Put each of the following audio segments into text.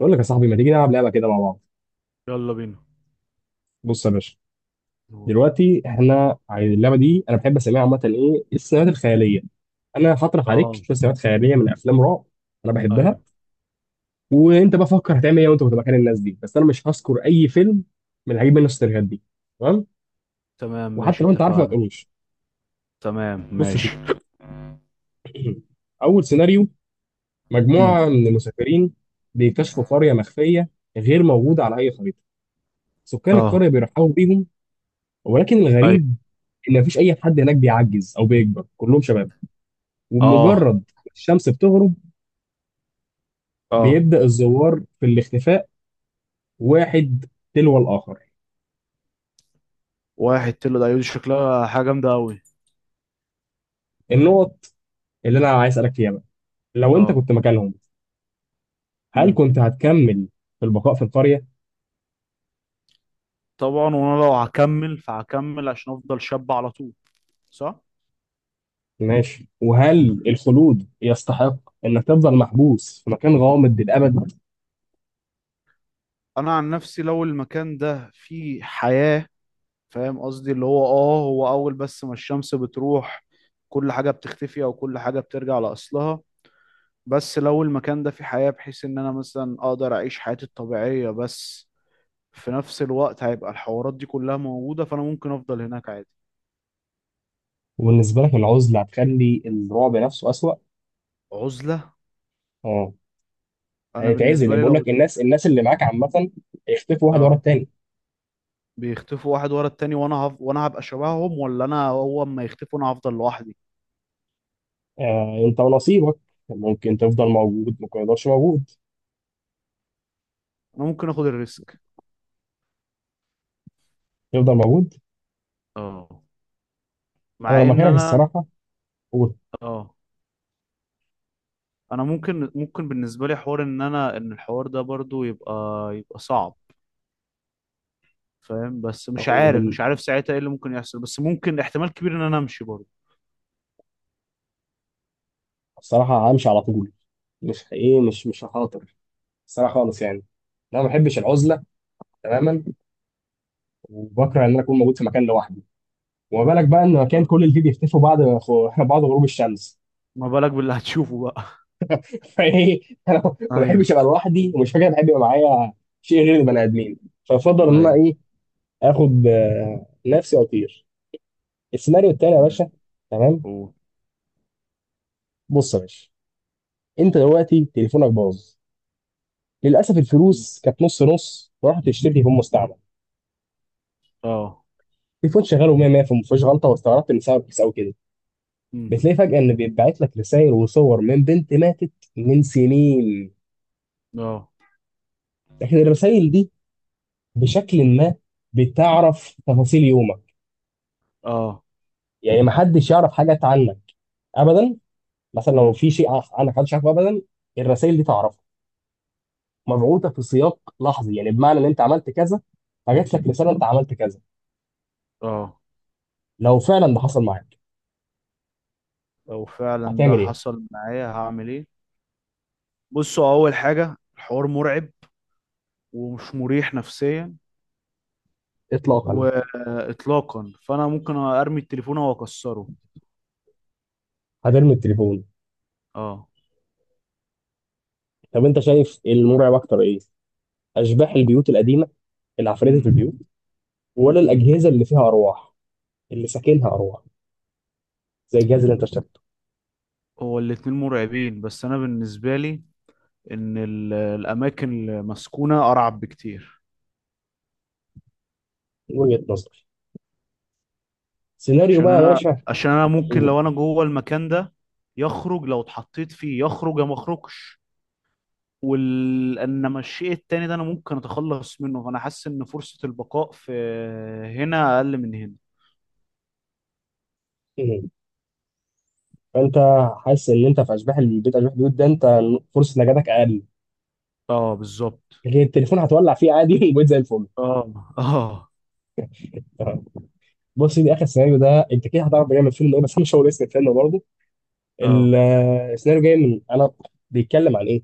بقول لك يا صاحبي، ما تيجي نلعب لعبه كده مع بعض؟ يلا بينا. بص يا باشا، دلوقتي احنا اللعبه دي انا بحب اسميها عامه ايه، السيناريوهات الخياليه. انا هطرح عليك اه. شويه سيناريوهات خياليه من افلام رعب انا بحبها، ايوه. وانت بقى فكر هتعمل ايه وانت كنت مكان الناس دي. بس انا مش هذكر اي فيلم من اللي هجيب منه السيناريوهات دي، تمام؟ تمام وحتى ماشي لو انت عارفه ما اتفقنا. تقولوش. تمام بص يا سيدي، ماشي. اول سيناريو: مم. مجموعه من المسافرين بيكتشفوا قريه مخفيه غير موجوده على اي خريطه. سكان اه. القريه بيرحبوا بيهم، ولكن ايوه. الغريب اللي مفيش اي حد هناك بيعجز او بيكبر، كلهم شباب. اه. ومجرد الشمس بتغرب اه. بيبدا الزوار في الاختفاء، واحد تلو الاخر. واحد تلو دي شكلها حاجه جامده قوي. النقط اللي انا عايز اسالك فيها بقى، لو انت اه. كنت مكانهم، هل امم كنت هتكمل في البقاء في القريه؟ طبعا، وانا لو هكمل فهكمل عشان افضل شاب على طول. صح. ماشي. وهل الخلود يستحق انك تفضل محبوس في مكان غامض للابد؟ انا عن نفسي لو المكان ده فيه حياه، فاهم قصدي، اللي هو اول بس ما الشمس بتروح كل حاجه بتختفي او كل حاجه بترجع لاصلها، بس لو المكان ده فيه حياة بحيث ان انا مثلا اقدر اعيش حياتي الطبيعية، بس في نفس الوقت هيبقى الحوارات دي كلها موجودة، فانا ممكن افضل هناك عادي. وبالنسبه لك العزله هتخلي الرعب نفسه اسوأ؟ عزلة؟ اه، انا بالنسبة هيتعزل، لي بيقول لو. لك الناس اللي معاك عامه هيختفوا واحد ورا اه. التاني. بيختفوا واحد ورا التاني، وانا وانا هبقى شبههم، ولا انا هو اما يختفوا انا هفضل لوحدي. آه، انت ونصيبك، ممكن تفضل موجود ممكن ما يقدرش موجود. انا ممكن اخد الريسك. تفضل موجود. اه. انا مع لو ان مكانك انا. الصراحه، قول، اه. انا ممكن بالنسبة لي حوار ان الحوار ده برضو يبقى صعب. فاهم بس مش هو عارف بال- مش عارف ساعتها ايه اللي ممكن يحصل، بس ممكن احتمال كبير ان انا امشي برضو. الصراحه همشي على طول. مش ايه مش مش هخاطر الصراحه خالص، يعني انا ما بحبش العزله تماما، وبكره ان انا اكون موجود في مكان لوحدي. وما بالك بقى ان مكان آه. كل اللي فيه بيختفوا بعد بعد غروب الشمس. ما بالك باللي هتشوفه بقى؟ فايه، انا ما ايوه. بحبش ابقى لوحدي، ومش فاكر بحب يبقى معايا شيء غير البني ادمين، فافضل ان انا ايوه. ايه، اخد آه، نفسي واطير. السيناريو التاني يا باشا، تمام. أوه. بص يا باشا، انت دلوقتي تليفونك باظ، للاسف مم. الفلوس كانت نص نص، ورحت اشتري تليفون مستعمل. اه. تليفون شغال 100 100، فما فيهوش غلطه، واستغربت ان سبب كيس او كده. مم. بتلاقي فجاه ان بيتبعت لك رسائل وصور من بنت ماتت من سنين. اه. لكن الرسائل دي بشكل ما بتعرف تفاصيل يومك، اه. يعني ما حدش يعرف حاجات عنك ابدا، مثلا لو مم. في شيء عنك محدش عارفه ابدا، الرسائل دي تعرفه. مبعوثه في سياق لحظي، يعني بمعنى ان انت عملت كذا فجات لك رساله انت عملت كذا. اه. لو فعلا ده حصل معاك لو فعلا ده هتعمل ايه؟ حصل معايا هعمل ايه؟ بصوا، اول حاجة الحوار مرعب، ومش مريح نفسيا، اطلاقا. واطلاقا، فانا ممكن ارمي التليفون او اكسره. هترمي التليفون. اه. طب انت شايف المرعب اكتر ايه؟ اشباح البيوت القديمه، العفاريت اللي في امم. البيوت، ولا امم. الاجهزه اللي فيها ارواح، اللي ساكنها ارواح، زي الجهاز اللي انت اشتريته؟ هو الاتنين مرعبين، بس انا بالنسبة لي ان الاماكن المسكونة ارعب بكتير. من وجهه نظري. سيناريو عشان بقى يا انا، باشا، عشان انا ممكن قول. لو انا جوه المكان ده يخرج، لو اتحطيت فيه يخرج يا ما اخرجش. انما الشيء التاني ده انا ممكن اتخلص منه، فانا حاسس ان فرصة البقاء في هنا اقل من هنا. إيه؟ فانت حاسس ان انت في اشباح البيت، اشباح البيوت ده انت فرصه نجاتك اقل، اه بالظبط. لكن التليفون هتولع فيه عادي. وبقيت زي الفل. اه. اه. تمام. بص، دي اخر سيناريو، ده انت كده هتعرف جاي من فيلم ايه، بس انا مش هقول اسم الفيلم برضه. ال- اه. السيناريو جاي من انا، بيتكلم عن ايه؟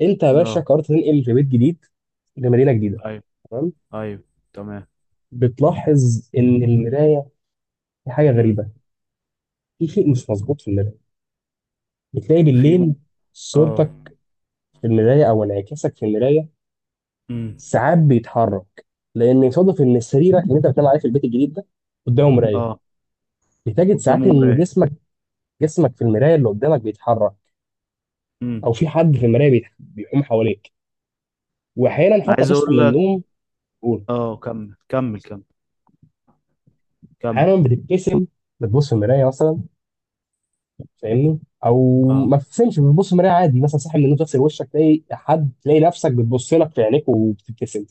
انت يا باشا اه. قررت تنقل في بيت جديد لمدينه جديده، ايوه. تمام؟ ايوه تمام. بتلاحظ ان المرايه في حاجه امم. غريبه، في شيء مش مظبوط في المرايه. بتلاقي في بالليل م... صورتك اه. في المرايه، او انعكاسك في المرايه امم. ساعات بيتحرك. لان يصادف ان سريرك اللي انت بتنام عليه في البيت الجديد ده قدامه مرايه. اه بتجد ساعات قدامه ان مراية. جسمك، جسمك في المرايه اللي قدامك بيتحرك، امم. او في حد في المرايه بيقوم حواليك. واحيانا انا حتى عايز تصحى اقول من لك. النوم، تقول، اه كمل كمل كمل. كمل. احيانا بتبتسم. بتبص في المرايه مثلا، فاهمني؟ او اه. ما تبتسمش، بتبص في مرايه عادي مثلا، صاحي من النوم تغسل وشك، تلاقي حد، تلاقي نفسك بتبص لك في عينيك وبتبتسم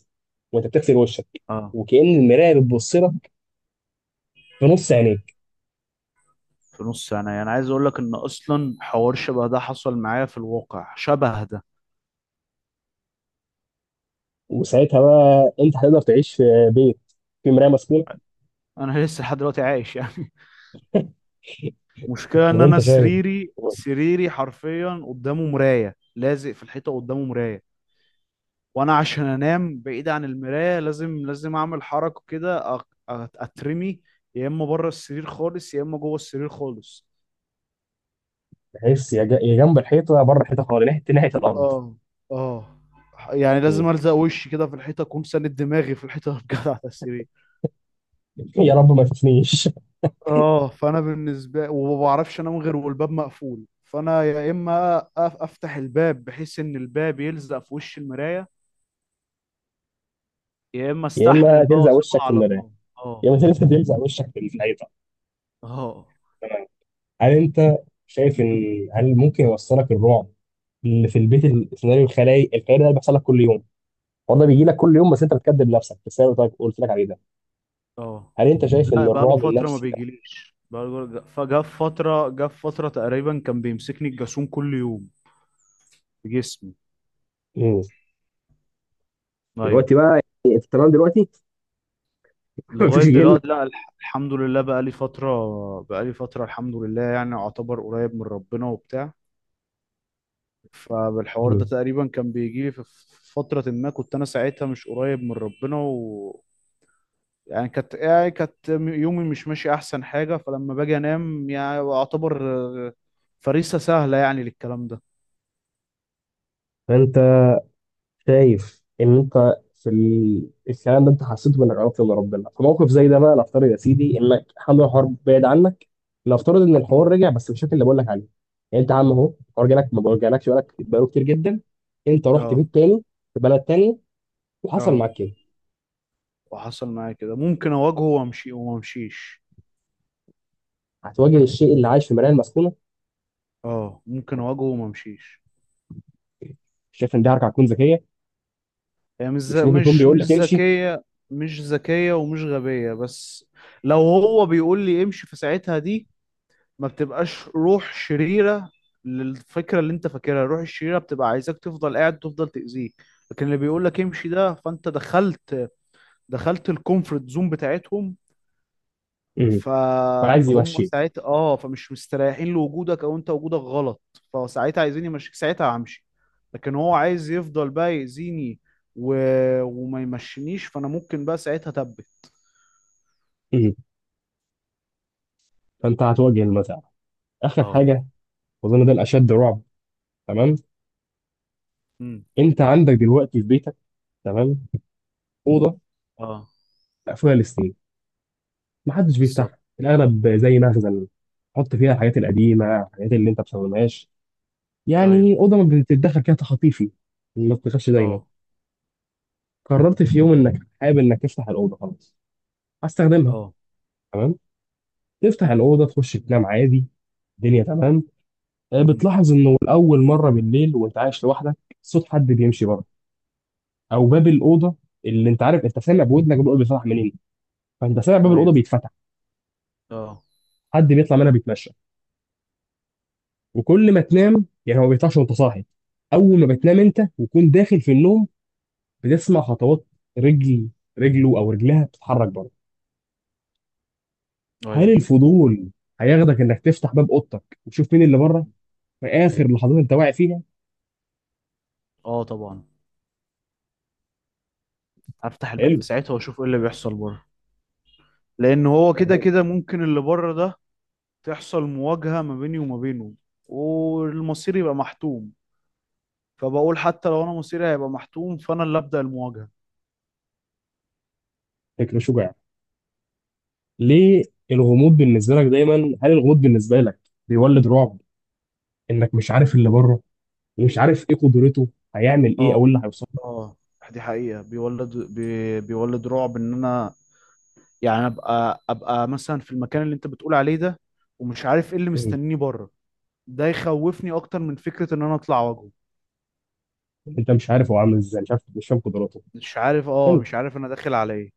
وانت بتغسل وشك، اه وكأن المرايه بتبص لك في نص عينيك. في نص سنة، يعني عايز اقول لك ان اصلا حوار شبه ده حصل معايا في الواقع، شبه ده. وساعتها بقى انت هتقدر تعيش في بيت في مرايه مسكونه؟ انا لسه لحد دلوقتي عايش يعني. مشكلة طب ان انا انت شايف، سريري حرفيا قدامه مراية، لازق في الحيطة قدامه مراية. وانا عشان انام بعيد عن المراية لازم اعمل حركة كده اترمي، يا اما بره السرير خالص يا اما جوه السرير خالص. تحس يا جنب الحيطه، يا بره الحيطه خالص، ناحيه الارض. اه. اه. يعني م. لازم الزق وشي كده في الحيطة، اكون ساند دماغي في الحيطة بجد على السرير. يا رب ما تشوفنيش. اه، فانا بالنسبه وما بعرفش انام غير والباب مقفول، فانا يا اما افتح الباب بحيث ان الباب يلزق في وش المرايه، يا اما يا استحمل اما بقى تلزق واسيبها وشك في على المرايه، الله. يا اه. اما تلزق وشك في الحيطه. اه. هل انت شايف ان هل ممكن يوصلك الرعب اللي في البيت، السيناريو الخيالي ده اللي بيحصل لك كل يوم؟ هو ده بيجي امم. لك كل يوم، بس انت بتكذب نفسك في السيناريو اللي قلت لك عليه ده. اه. هل انت شايف ان لا، بقى له الرعب فتره ما النفسي ده، بيجيليش، فجاء في فتره جاء في فتره تقريبا كان بيمسكني الجاسون كل يوم في جسمي. مم، ايوه. دلوقتي بقى، يعني في التمام دلوقتي، لغايه مفيش جن؟ دلوقتي لا، الحمد لله بقى لي فتره، بقى لي فتره الحمد لله، يعني اعتبر قريب من ربنا وبتاع. فالحوار ده مم. تقريبا كان بيجي لي في فترة ما كنت أنا ساعتها مش قريب من ربنا، و. يعني كانت يومي مش ماشي أحسن حاجة، فلما باجي أنام يعني أعتبر آه، فريسة سهلة يعني للكلام ده. فانت شايف ان انت في الكلام ده انت حسيته بانك قربت من ربنا، في موقف زي ده بقى نفترض يا سيدي انك حمل الحوار بعيد عنك، نفترض ان الحوار مم. رجع بس بالشكل اللي بقول لك عليه. يعني انت يا عم اهو الحوار جالك ما جالكش، بالك بقاله كتير جدا، انت رحت اه. بيت تاني في بلد تاني وحصل اه. معاك كده، وحصل معايا كده ممكن أواجهه وأمشي وممشيش. هتواجه الشيء اللي عايش في مرايه المسكونه. اه، ممكن أواجهه وممشيش. شايف ان دي حركه هتكون ذكيه؟ هي يعني مش مش ذ- ممكن يكون مش بيقول مش لك امشي؟ ذكية، مش ذكية ومش غبية، بس لو هو بيقول لي امشي في ساعتها دي ما بتبقاش روح شريرة. للفكرة اللي انت فاكرها الروح الشريرة بتبقى عايزاك تفضل قاعد، تفضل تأذيك. لكن اللي بيقول لك امشي ده، فانت دخلت الكومفورت زون بتاعتهم، امم، فعايز فهم يمشيك. ساعتها فمش مستريحين لوجودك او انت وجودك غلط، فساعتها عايزين يمشيك، ساعتها همشي. لكن هو عايز يفضل بقى يأذيني و... وما يمشينيش، فانا ممكن بقى ساعتها اتبت. امم، فانت هتواجه المساله. اخر اه. حاجه، واظن ده الاشد رعب. تمام. امم. انت عندك دلوقتي في بيتك، تمام، اوضه اه مقفوله للسنين، محدش بالظبط. بيفتحها، الاغلب زي مخزن تحط فيها الحاجات القديمه، الحاجات اللي انت ما بتستخدمهاش، ايوه. يعني اوضه ما بتتدخل فيها تخطيفي، ما بتدخلش دايما. اه. قررت في يوم انك حابب انك تفتح الاوضه، خلاص هستخدمها، اه. تمام. تفتح امم. الاوضه تخش تنام عادي، الدنيا تمام. آه، امم. بتلاحظ انه لاول مره بالليل، وانت عايش لوحدك، صوت حد امم. بيمشي بره، او باب الاوضه اللي انت عارف انت سامع بودنك بيقول بيفتح منين، فانت سامع باب الاوضه ايوه. بيتفتح، اه. حد بيطلع منها بيتمشى. وكل ما تنام يعني هو ما بيطلعش وانت صاحي، اول ما بتنام انت وتكون داخل في النوم بتسمع خطوات رجل، رجله او رجلها بتتحرك بره. هل ايوه. الفضول هياخدك انك تفتح باب اوضتك وتشوف مين اللي بره في اخر لحظات انت واعي فيها؟ اه طبعا. هفتح الباب حلو، في ساعتها واشوف ايه اللي بيحصل بره. لان هو كده تمام. كده ممكن اللي بره ده تحصل مواجهة ما بيني وما بينه، والمصير يبقى محتوم. فبقول حتى لو انا مصيري هيبقى محتوم، فانا اللي ابدا المواجهة. فكره شجاع، ليه؟ الغموض بالنسبه لك دايما، هل الغموض بالنسبه لك بيولد رعب، انك مش عارف اللي بره، ومش عارف ايه قدرته، هيعمل ايه او إيه اه. اللي هيوصل اه، دي حقيقة بيولد بيولد رعب ان انا يعني ابقى مثلا في المكان اللي انت بتقول عليه ده، ومش عارف ايه اللي له؟ مستنيني بره. ده يخوفني اكتر من فكرة ان انا اطلع واجهه. انت مش عارف هو عامل ازاي، مش عارف، مش فاهم قدراته. مش عارف انا داخل على ايه.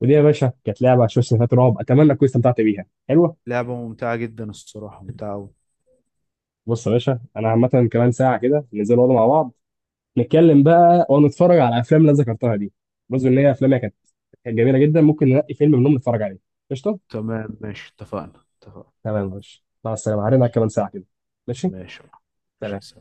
ودي يا باشا كانت لعبه شويه سيناريوهات رعب، اتمنى تكون استمتعت بيها، حلوه. لعبة ممتعة جدا الصراحة، ممتعة أوي. بص يا باشا، انا عامه كمان ساعه كده ننزل نقعد مع بعض، نتكلم بقى ونتفرج على الافلام اللي أنا ذكرتها دي، بس ان هي افلامها كانت جميله جدا، ممكن ننقي فيلم منهم نتفرج عليه، قشطه. تمام ماشي اتفقنا، اتفقنا. تمام يا باشا، مع السلامه، هرجع ماشي. كمان ساعه كده. ماشي، ماشي. ماشي. سلام.